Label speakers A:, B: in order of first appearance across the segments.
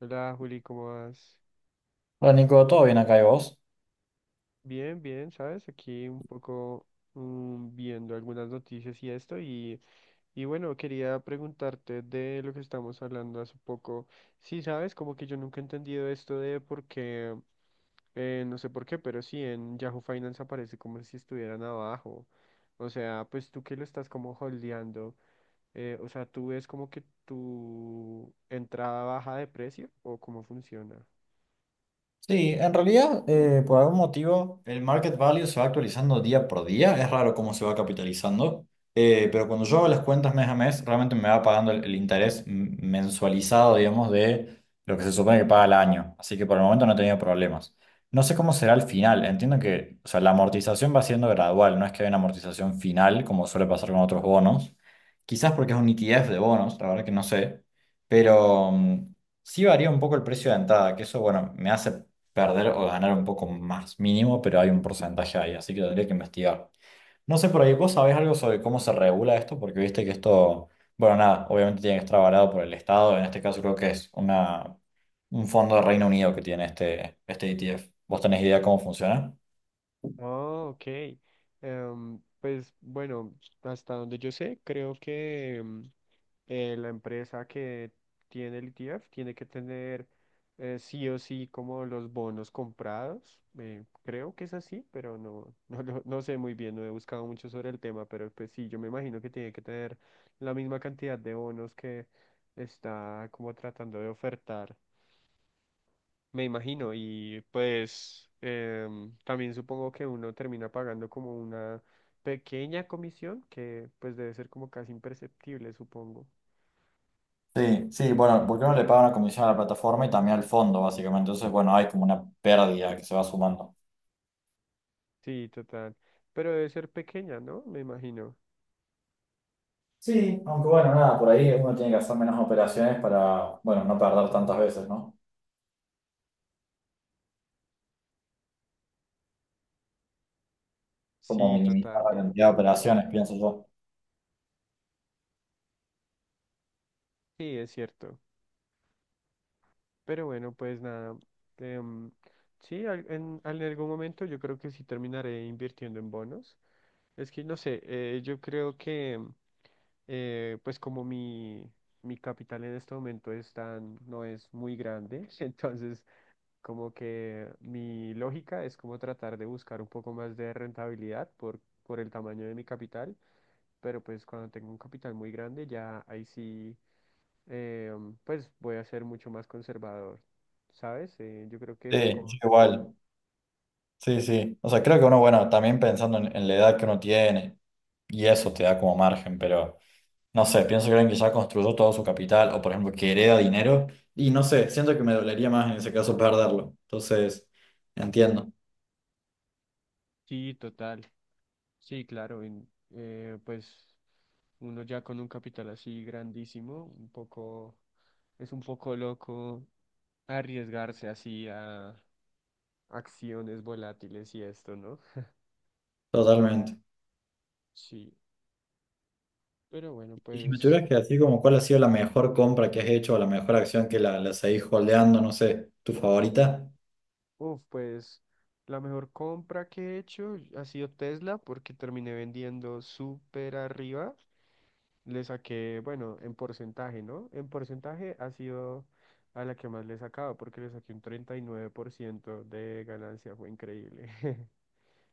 A: Hola Juli, ¿cómo vas?
B: Hola Nico, ¿todo bien acá y vos?
A: Bien, bien, ¿sabes? Aquí un poco viendo algunas noticias y esto y bueno, quería preguntarte de lo que estamos hablando hace poco. Sí, ¿sabes? Como que yo nunca he entendido esto de por qué, no sé por qué, pero sí, en Yahoo Finance aparece como si estuvieran abajo. O sea, pues tú que lo estás como holdeando, o sea, ¿tú ves como que tu entrada baja de precio o cómo funciona?
B: Sí, en realidad, por algún motivo, el market value se va actualizando día por día. Es raro cómo se va capitalizando. Pero cuando yo hago las cuentas mes a mes, realmente me va pagando el interés mensualizado, digamos, de lo que se supone que paga al año. Así que por el momento no he tenido problemas. No sé cómo será el final. Entiendo que, o sea, la amortización va siendo gradual. No es que haya una amortización final, como suele pasar con otros bonos. Quizás porque es un ETF de bonos, la verdad que no sé. Pero. mm, Sí varía un poco el precio de entrada, que eso, bueno, me hace perder o ganar un poco más mínimo, pero hay un porcentaje ahí, así que tendría que investigar. No sé, por ahí, ¿vos sabés algo sobre cómo se regula esto? Porque viste que esto, bueno, nada, obviamente tiene que estar avalado por el Estado. En este caso creo que es una, un fondo de Reino Unido que tiene este ETF. ¿Vos tenés idea cómo funciona?
A: Oh, ok. Pues bueno, hasta donde yo sé, creo que la empresa que tiene el ETF tiene que tener sí o sí como los bonos comprados. Creo que es así, pero no, no, no sé muy bien, no he buscado mucho sobre el tema, pero pues sí, yo me imagino que tiene que tener la misma cantidad de bonos que está como tratando de ofertar, me imagino, y pues también supongo que uno termina pagando como una pequeña comisión que pues debe ser como casi imperceptible, supongo.
B: Sí, sí, bueno, porque uno le paga una comisión a la plataforma y también al fondo, básicamente. Entonces, bueno, hay como una pérdida que se va sumando.
A: Sí, total. Pero debe ser pequeña, ¿no? Me imagino.
B: Sí, aunque bueno, nada, por ahí uno tiene que hacer menos operaciones para, bueno, no perder tantas veces, ¿no? Como
A: Sí,
B: minimizar
A: total.
B: la cantidad de
A: Total que
B: operaciones, pienso yo.
A: sí, es cierto. Pero bueno, pues nada. em, sí, en algún momento yo creo que sí terminaré invirtiendo en bonos. Es que no sé, yo creo que, pues como mi capital en este momento es tan, no es muy grande, entonces como que mi lógica es como tratar de buscar un poco más de rentabilidad por el tamaño de mi capital, pero pues cuando tengo un capital muy grande ya ahí sí, eh, pues voy a ser mucho más conservador, ¿sabes? Yo creo que eso es
B: Sí,
A: como...
B: yo igual. Sí, sí. O sea, creo que uno, bueno, también pensando en la edad que uno tiene, y eso te da como margen, pero no sé, pienso que alguien que ya construyó todo su capital, o por ejemplo, que hereda dinero, y no sé, siento que me dolería más en ese caso perderlo. Entonces, entiendo,
A: Sí, total. Sí, claro, pues uno ya con un capital así grandísimo, un poco, es un poco loco arriesgarse así a acciones volátiles y esto, ¿no?
B: totalmente.
A: Sí, pero bueno,
B: Y si me
A: pues,
B: tuvieras que decir como cuál ha sido la mejor compra que has hecho, o la mejor acción que la seguís holdeando, no sé, tu favorita,
A: uff, pues la mejor compra que he hecho ha sido Tesla porque terminé vendiendo súper arriba. Le saqué, bueno, en porcentaje, ¿no? En porcentaje ha sido a la que más le he sacado, porque le saqué un 39% de ganancia, fue increíble.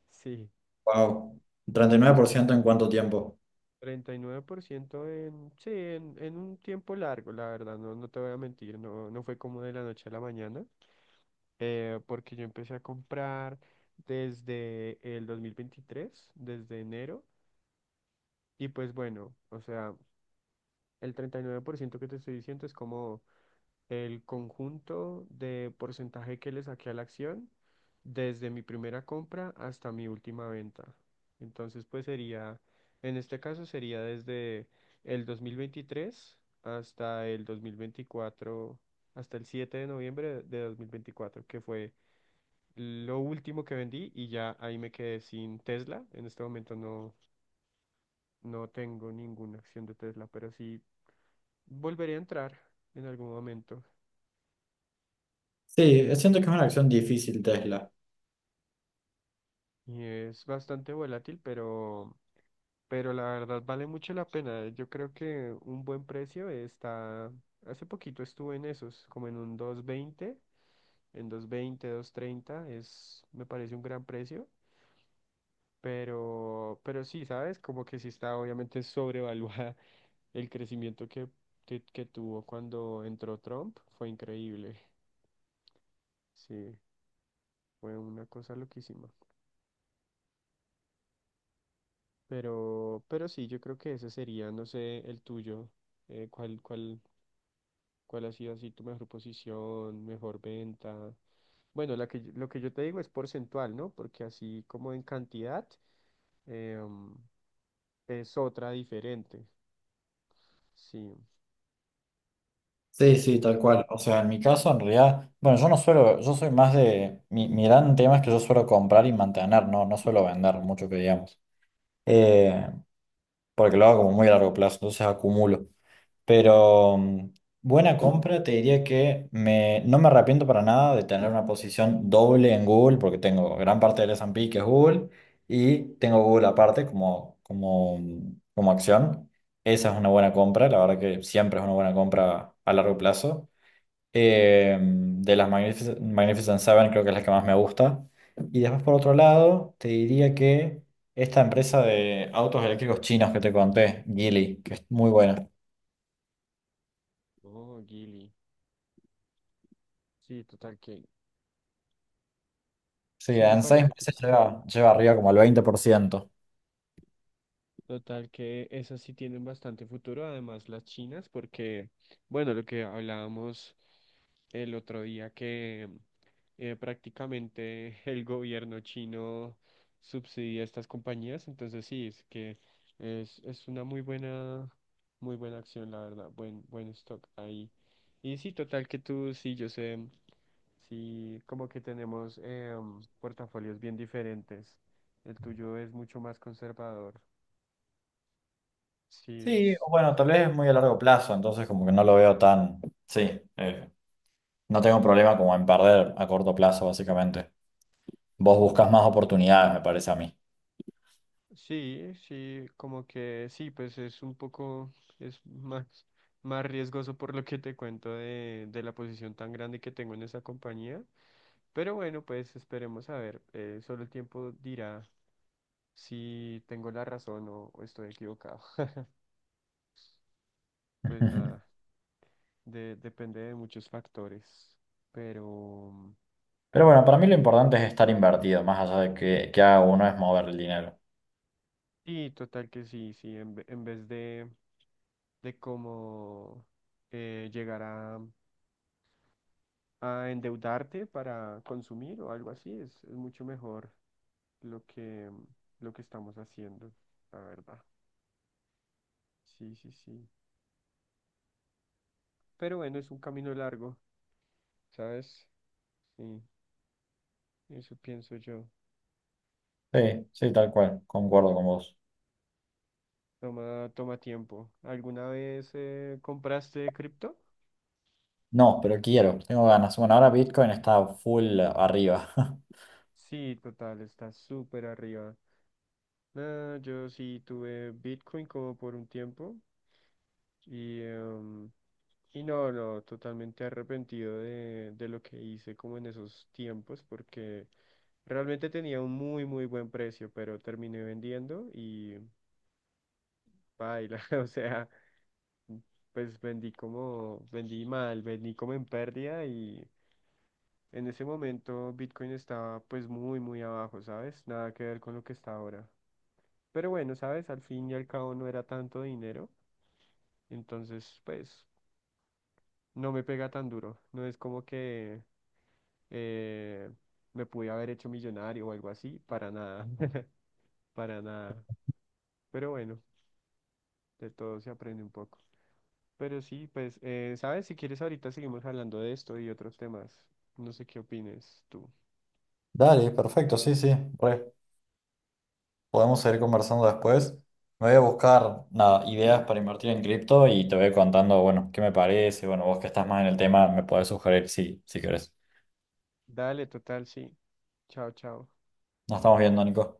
A: Sí,
B: wow, 39% en cuánto tiempo.
A: 39% sí, en un tiempo largo, la verdad, no, no te voy a mentir, no, no fue como de la noche a la mañana, porque yo empecé a comprar desde el 2023, desde enero, y pues bueno, o sea, el 39% que te estoy diciendo es como... el conjunto de porcentaje que le saqué a la acción desde mi primera compra hasta mi última venta. Entonces, pues sería, en este caso sería desde el 2023 hasta el 2024, hasta el 7 de noviembre de 2024, que fue lo último que vendí y ya ahí me quedé sin Tesla. En este momento no, no tengo ninguna acción de Tesla, pero sí volveré a entrar en algún momento.
B: Sí, siento que es una acción difícil Tesla.
A: Y es bastante volátil, pero la verdad vale mucho la pena. Yo creo que un buen precio está... Hace poquito estuve en esos, como en un dos veinte, en dos veinte dos treinta es, me parece un gran precio, pero sí, ¿sabes? Como que sí está obviamente sobrevaluada. El crecimiento que que tuvo cuando entró Trump, fue increíble. Sí, fue una cosa loquísima. Pero sí, yo creo que ese sería, no sé, el tuyo. ¿Cuál, cuál ha sido así tu mejor posición, mejor venta? Bueno, la que, lo que yo te digo es porcentual, ¿no? Porque así como en cantidad em, es otra diferente. Sí,
B: Sí, sí,
A: sí. Sí.
B: tal cual. O sea, en mi caso, en realidad, bueno, yo no suelo, yo soy más de, mi gran tema es que yo suelo comprar y mantener, no suelo vender mucho que digamos. Eh, Porque lo hago como muy a largo plazo, entonces acumulo. Pero mm, Buena compra, te diría que me, no me arrepiento para nada de tener una posición doble en Google, porque tengo gran parte del S&P que es Google, y tengo Google aparte como, como acción. Esa es una buena compra, la verdad que siempre es una buena compra a largo plazo. De las Magnificent Seven creo que es la que más me gusta. Y después por otro lado, te diría que esta empresa de autos eléctricos chinos que te conté, Geely, que es muy buena.
A: Oh, Gili. Sí, total que
B: Sí,
A: sí me
B: en seis
A: parece que
B: meses lleva, lleva arriba como al 20%.
A: total que esas sí tienen bastante futuro, además las chinas, porque, bueno, lo que hablábamos el otro día, que prácticamente el gobierno chino subsidia estas compañías, entonces sí, es que es una muy buena acción, la verdad, buen, buen stock ahí. Y sí, total que tú, sí, yo sé, sí, como que tenemos portafolios bien diferentes. El tuyo es mucho más conservador. Sí,
B: Sí,
A: es,
B: o bueno, tal vez es muy a largo plazo, entonces como que no lo veo tan... Sí, no tengo problema como en perder a corto plazo, básicamente. Vos buscas más oportunidades, me parece a mí.
A: sí, sí, como que sí, pues es un poco, es más, más riesgoso por lo que te cuento de la posición tan grande que tengo en esa compañía. Pero bueno, pues esperemos a ver, solo el tiempo dirá si tengo la razón o estoy equivocado. Pues nada, depende de muchos factores, pero
B: Pero bueno, para mí lo importante es estar invertido, más allá de que haga uno, es mover el dinero.
A: sí, total que sí, sí, en vez de cómo llegar a endeudarte para consumir o algo así. Es mucho mejor lo que, lo que estamos haciendo, la verdad. Sí, sí, sí. Pero bueno, es un camino largo, ¿sabes? Sí, eso pienso yo.
B: Sí, sí, tal cual, concuerdo con vos.
A: Toma, toma tiempo. ¿Alguna vez compraste cripto?
B: No, pero quiero, tengo ganas. Bueno, ahora Bitcoin está full arriba.
A: Sí, total, está súper arriba. No, yo sí tuve Bitcoin como por un tiempo. Y, y no, no, totalmente arrepentido de lo que hice como en esos tiempos, porque realmente tenía un muy, muy buen precio, pero terminé vendiendo y baila, o sea, pues vendí como, vendí mal, vendí como en pérdida y en ese momento Bitcoin estaba pues muy, muy abajo, ¿sabes? Nada que ver con lo que está ahora. Pero bueno, ¿sabes? Al fin y al cabo no era tanto dinero, entonces pues no me pega tan duro, no es como que eh, me pude haber hecho millonario o algo así, para nada, para nada. Pero bueno, de todo se aprende un poco. Pero sí, pues, ¿sabes? Si quieres, ahorita seguimos hablando de esto y otros temas. No sé qué opines tú.
B: Dale, perfecto, sí, sí, re. Podemos seguir conversando después. Me voy a buscar, nada, ideas para invertir en cripto y te voy contando, bueno, qué me parece. Bueno, vos que estás más en el tema, me podés sugerir si querés.
A: Dale, total, sí. Chao, chao.
B: Nos estamos viendo, Nico.